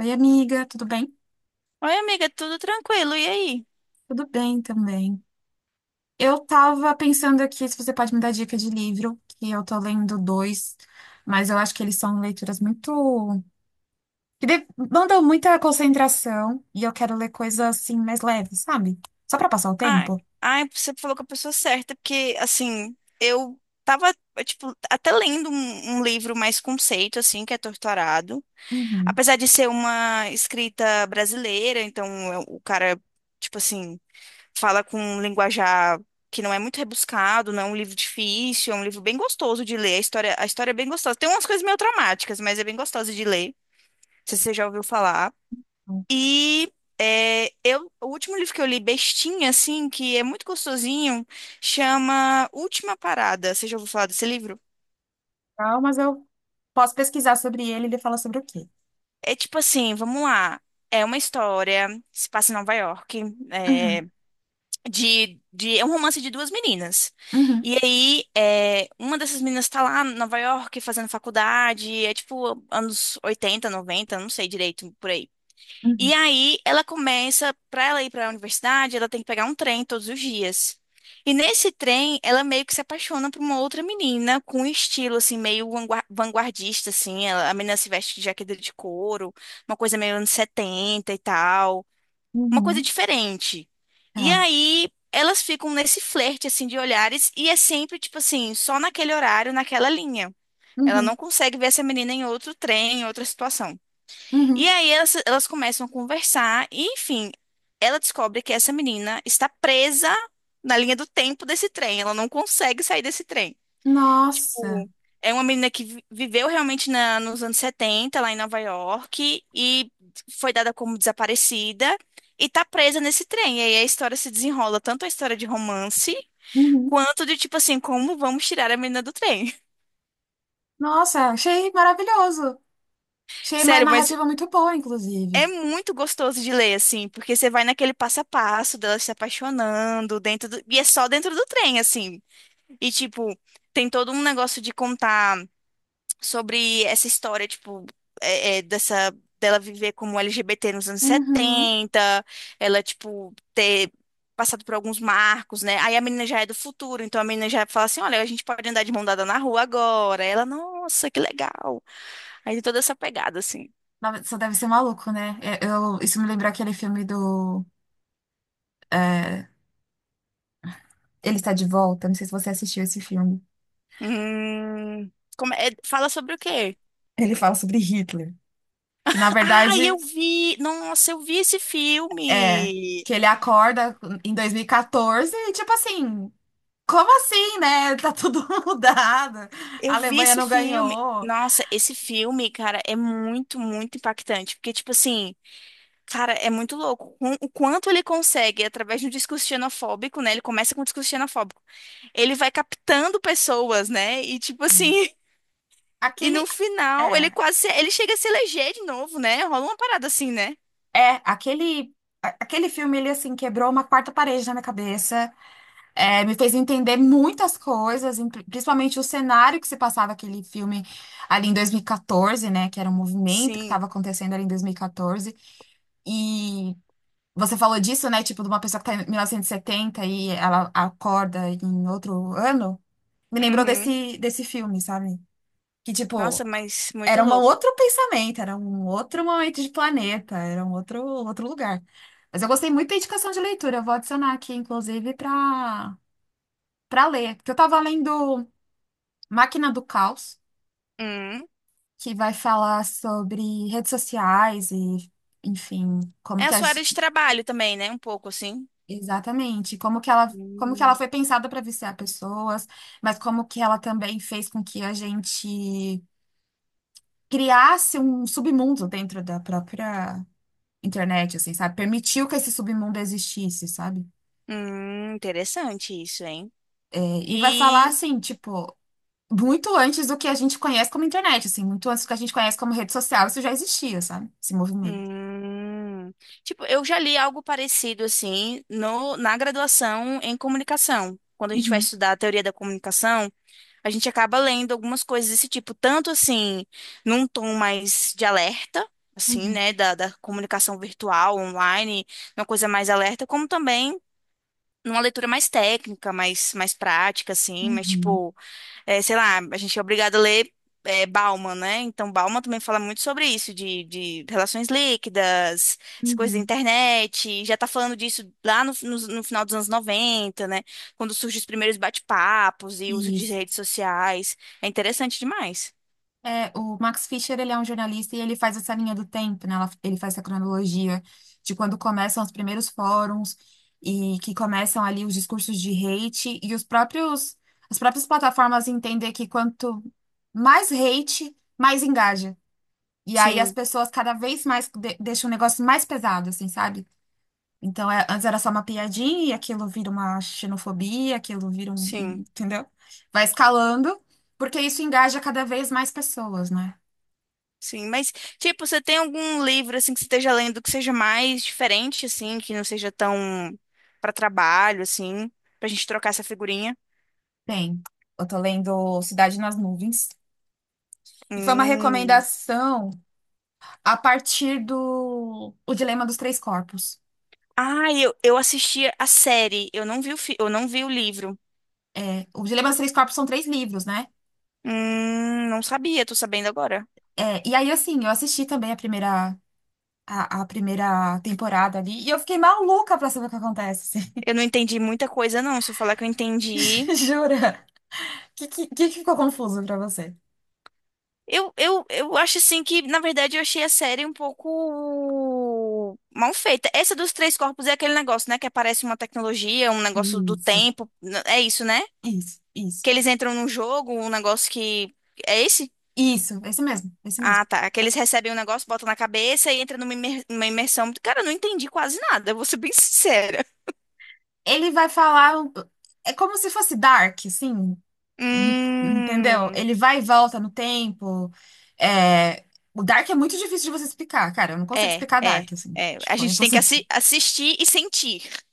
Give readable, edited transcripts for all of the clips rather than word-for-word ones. Oi, amiga, tudo bem? Oi, amiga, tudo tranquilo, e aí? Tudo bem também. Eu tava pensando aqui se você pode me dar dica de livro, que eu tô lendo dois, mas eu acho que eles são leituras muito que demandam muita concentração e eu quero ler coisas assim mais leves, sabe? Só pra passar o Ai, tempo. ai, você falou com a pessoa certa, porque, assim, eu tava, tipo, até lendo um livro mais conceito, assim, que é Torturado. Uhum. Apesar de ser uma escrita brasileira, então o cara, tipo assim, fala com um linguajar que não é muito rebuscado, não é um livro difícil, é um livro bem gostoso de ler, a história é bem gostosa. Tem umas coisas meio traumáticas, mas é bem gostosa de ler. Não sei se você já ouviu falar. E o último livro que eu li, bestinha, assim, que é muito gostosinho, chama Última Parada. Você já ouviu falar desse livro? Então, mas eu posso pesquisar sobre ele e ele fala sobre o quê? É tipo assim, vamos lá. É uma história, se passa em Nova York, é, Uhum, é um romance de duas meninas. uhum, E aí, uma dessas meninas tá lá em Nova York fazendo faculdade, é tipo anos 80 90, não sei direito, por aí. uhum, E aí ela começa, para ela ir para a universidade, ela tem que pegar um trem todos os dias. E nesse trem, ela meio que se apaixona por uma outra menina com um estilo assim meio vanguardista assim. A menina se veste de jaqueta de couro, uma coisa meio anos 70 e tal, uma coisa uhum, diferente. E tá. aí elas ficam nesse flerte assim de olhares, e é sempre tipo assim, só naquele horário, naquela linha. Ela Uhum, não consegue ver essa menina em outro trem, em outra situação. E uhum. aí elas começam a conversar e, enfim, ela descobre que essa menina está presa na linha do tempo desse trem. Ela não consegue sair desse trem. Nossa, Tipo, é uma menina que viveu realmente nos anos 70 lá em Nova York, e foi dada como desaparecida e tá presa nesse trem. E aí a história se desenrola, tanto a história de romance, uhum. quanto de, tipo assim, como vamos tirar a menina do trem. Nossa, achei maravilhoso. Achei uma Sério, mas narrativa muito boa, inclusive. é muito gostoso de ler, assim, porque você vai naquele passo a passo dela se apaixonando. E é só dentro do trem, assim. E, tipo, tem todo um negócio de contar sobre essa história, tipo, é, é, dessa... dela viver como LGBT nos anos Uhum. 70, ela, tipo, ter passado por alguns marcos, né? Aí a menina já é do futuro, então a menina já fala assim, olha, a gente pode andar de mão dada na rua agora. Aí ela, nossa, que legal. Aí tem toda essa pegada, assim. Nossa, só deve ser maluco, né? É, isso me lembrou aquele filme do. é, Ele Está de Volta. Não sei se você assistiu esse filme. Hum, como fala sobre o quê? Ele fala sobre Hitler. Que na Ah, eu verdade vi! Nossa, eu vi esse é filme! que ele acorda em 2014 e quatorze e tipo assim. Como assim, né? Tá tudo mudado. A Eu vi Alemanha esse não filme. ganhou. Nossa, esse filme, cara, é muito, muito impactante. Porque, tipo assim, cara, é muito louco. O quanto ele consegue, através de um discurso xenofóbico, né? Ele começa com um discurso xenofóbico. Ele vai captando pessoas, né? E, tipo assim, Sim. e Aquele. no final, ele É, chega a se eleger de novo, né? Rola uma parada assim, né? Aquele. Aquele filme, ele assim, quebrou uma quarta parede na minha cabeça. É, me fez entender muitas coisas, principalmente o cenário que se passava aquele filme ali em 2014, né? Que era um movimento que Sim. estava acontecendo ali em 2014. E quatorze. E você falou disso, né? Tipo, de uma pessoa que está em 1970 e setenta e ela acorda em outro ano. Me lembrou Uhum. desse filme, sabe? Que, tipo, Nossa, mas muito era um louco. outro pensamento, era um outro momento de planeta, era um outro lugar. Mas eu gostei muito da indicação de leitura, eu vou adicionar aqui, inclusive, para ler, porque eu tava lendo Máquina do Caos, Hum. que vai falar sobre redes sociais e, enfim, como É a que sua área de trabalho também, né? Um pouco assim. exatamente, como que ela foi pensada para viciar pessoas, mas como que ela também fez com que a gente criasse um submundo dentro da própria internet, assim, sabe? Permitiu que esse submundo existisse, sabe? Interessante isso, hein? É, e vai falar E. assim, tipo, muito antes do que a gente conhece como internet, assim, muito antes do que a gente conhece como rede social, isso já existia, sabe? Esse movimento. Hum, tipo, eu já li algo parecido assim no, na graduação em comunicação. Quando a gente vai Uhum, estudar a teoria da comunicação, a gente acaba lendo algumas coisas desse tipo, tanto assim, num tom mais de alerta, assim, uhum, né, da comunicação virtual, online, uma coisa mais alerta, como também, numa leitura mais técnica, mais prática, assim, mas uhum, tipo, é, sei lá, a gente é obrigado a ler Bauman, né? Então Bauman também fala muito sobre isso, de relações líquidas, essa coisa da uhum. internet, já tá falando disso lá no final dos anos 90, né? Quando surgem os primeiros bate-papos e uso de Isso. redes sociais. É interessante demais. É, o Max Fischer, ele é um jornalista e ele faz essa linha do tempo, né? Ele faz essa cronologia de quando começam os primeiros fóruns e que começam ali os discursos de hate e os próprios, as próprias plataformas entender que quanto mais hate, mais engaja. E aí as Sim, pessoas cada vez mais deixam o negócio mais pesado, assim, sabe? Então, antes era só uma piadinha e aquilo vira uma xenofobia, aquilo vira sim. entendeu? Vai escalando, porque isso engaja cada vez mais pessoas, né? Sim, mas tipo, você tem algum livro assim que você esteja lendo que seja mais diferente assim, que não seja tão para trabalho assim, pra gente trocar essa figurinha? Tem. Eu tô lendo Cidade nas Nuvens. E foi uma Hum. recomendação a partir do O Dilema dos Três Corpos. Ah, eu assisti a série, eu não vi o livro. É, o Dilema dos Três Corpos são três livros, né? Não sabia, tô sabendo agora. É, e aí, assim, eu assisti também a primeira temporada ali. Eu não entendi muita coisa não, se eu falar que eu entendi. Eu acho assim que, na verdade, eu achei a série um pouco mal feita. Essa dos Três Corpos é aquele negócio, né? Que aparece uma tecnologia, um negócio do Isso, tempo. É isso, né? isso, isso, Que eles entram num jogo, um negócio que. É esse? isso, esse mesmo, esse mesmo. Ah, tá. Que eles recebem um negócio, botam na cabeça e entra numa imer- uma imersão. Cara, eu não entendi quase nada, eu vou ser bem sincera. Ele vai falar, é como se fosse Dark, assim, entendeu? Hum. Ele vai e volta no tempo. É, o Dark é muito difícil de você explicar, cara, eu não consigo É, explicar é, Dark, assim, é. A tipo, é gente tem que impossível. Assistir e sentir.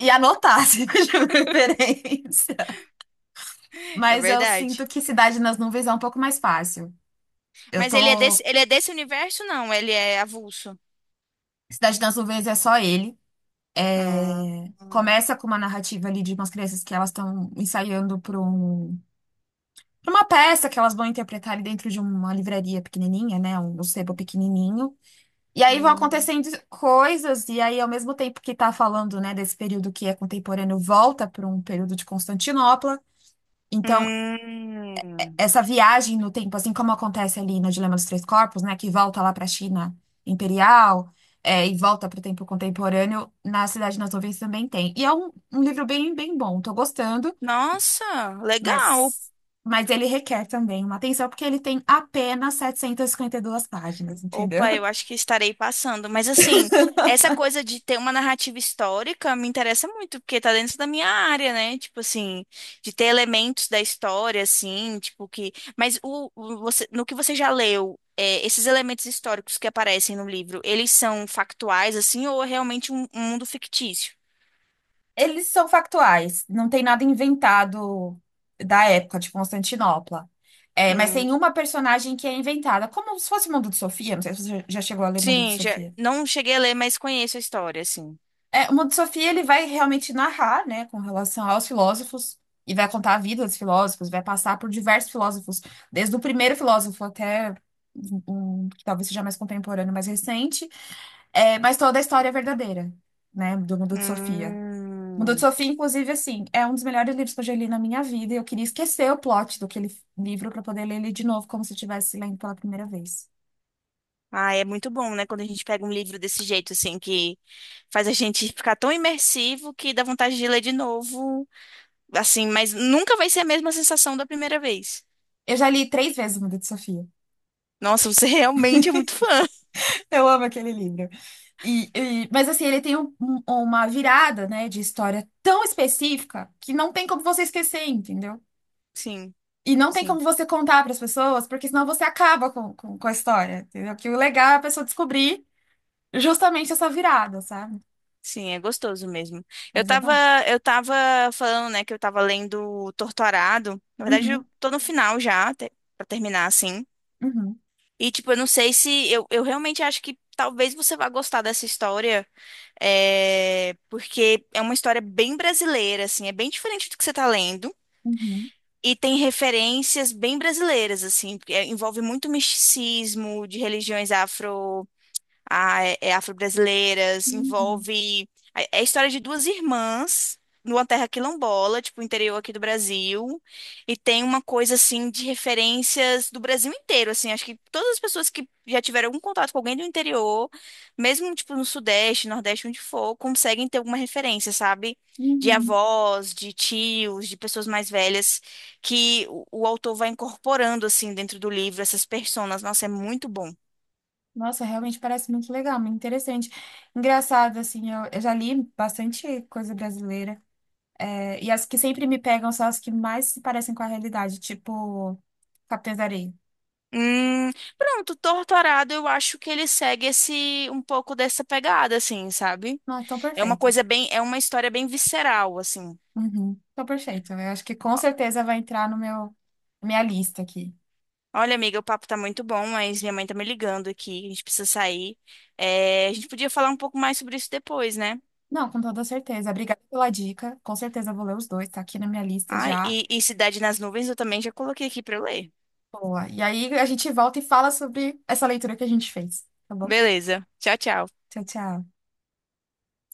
E anotar, assim, de preferência. É Mas eu sinto verdade. que Cidade nas Nuvens é um pouco mais fácil. Eu Mas ele é desse, tô. ele é desse universo, não? Ele é avulso. Cidade nas Nuvens é só ele. Ah, hum. Começa com uma narrativa ali de umas crianças que elas estão ensaiando para um pra uma peça que elas vão interpretar ali dentro de uma livraria pequenininha, né? Um sebo pequenininho. E aí vão acontecendo coisas, e aí ao mesmo tempo que tá falando, né, desse período que é contemporâneo, volta para um período de Constantinopla. Então, Hum. essa viagem no tempo, assim como acontece ali no Dilema dos Três Corpos, né, que volta lá para a China imperial, é, e volta para o tempo contemporâneo, na Cidade nas Nuvens também tem. E é um livro bem, bem bom, tô gostando. Nossa, legal. Mas, mas ele requer também uma atenção, porque ele tem apenas e 52 páginas, entendeu? Opa, eu acho que estarei passando. Mas assim, essa coisa de ter uma narrativa histórica me interessa muito, porque tá dentro da minha área, né? Tipo assim, de ter elementos da história, assim, tipo que. Mas você, no que você já leu, esses elementos históricos que aparecem no livro, eles são factuais, assim, ou é realmente um mundo fictício? Eles são factuais, não tem nada inventado da época de Constantinopla. É, mas Hum. tem uma personagem que é inventada, como se fosse o Mundo de Sofia, não sei se você já chegou a ler Mundo de Sim, já, Sofia. não cheguei a ler, mas conheço a história, assim. É, o Mundo de Sofia, ele vai realmente narrar, né, com relação aos filósofos, e vai contar a vida dos filósofos, vai passar por diversos filósofos, desde o primeiro filósofo até um, um que talvez seja mais contemporâneo, mais recente, é, mas toda a história é verdadeira, né? Do Mundo de Sofia. Mundo de Hum. Sofia, inclusive, assim, é um dos melhores livros que eu já li na minha vida. E eu queria esquecer o plot do aquele livro para poder ler ele de novo, como se eu estivesse lendo pela primeira vez. Ah, é muito bom, né? Quando a gente pega um livro desse jeito, assim, que faz a gente ficar tão imersivo que dá vontade de ler de novo. Assim, mas nunca vai ser a mesma sensação da primeira vez. Eu já li três vezes o Mundo de Sofia. Nossa, você realmente é muito fã. Eu amo aquele livro. E, mas assim, ele tem uma virada, né, de história tão específica que não tem como você esquecer, entendeu? Sim, E não tem como sim, você contar para as pessoas, porque senão você acaba com a história, entendeu? Que o legal é a pessoa descobrir justamente essa virada, sabe? sim, é gostoso mesmo. Eu Mas é tava, bom. eu tava falando, né, que eu tava lendo Torturado. Na verdade, eu Uhum, tô no final já, pra terminar, assim. uhum, E, tipo, eu não sei se. Eu realmente acho que talvez você vá gostar dessa história, porque é uma história bem brasileira, assim, é bem diferente do que você tá lendo. uhum, E tem referências bem brasileiras, assim, porque, envolve muito misticismo de religiões afro-brasileiras, uhum, envolve. É a história de duas irmãs numa terra quilombola, tipo, interior aqui do Brasil. E tem uma coisa, assim, de referências do Brasil inteiro, assim. Acho que todas as pessoas que já tiveram algum contato com alguém do interior, mesmo, tipo, no Sudeste, Nordeste, onde for, conseguem ter alguma referência, sabe? De uhum. avós, de tios, de pessoas mais velhas, que o autor vai incorporando, assim, dentro do livro, essas personas. Nossa, é muito bom. Nossa, realmente parece muito legal, muito interessante. Engraçado, assim, eu já li bastante coisa brasileira. É, e as que sempre me pegam são as que mais se parecem com a realidade, tipo Capitães da Areia. Hum, pronto, Torturado, eu acho que ele segue esse um pouco dessa pegada, assim, sabe? Não, é tão É uma perfeito. coisa bem, é uma história bem visceral, assim. Uhum, tão perfeito. Eu acho que com certeza vai entrar no meu, na minha lista aqui. Olha, amiga, o papo tá muito bom, mas minha mãe tá me ligando aqui, a gente precisa sair. É, a gente podia falar um pouco mais sobre isso depois, né? Não, com toda certeza. Obrigada pela dica. Com certeza eu vou ler os dois, tá aqui na minha lista Ah, já. e Cidade nas Nuvens eu também já coloquei aqui pra eu ler. Boa. E aí a gente volta e fala sobre essa leitura que a gente fez, tá bom? Beleza, tchau, tchau. Tchau, tchau.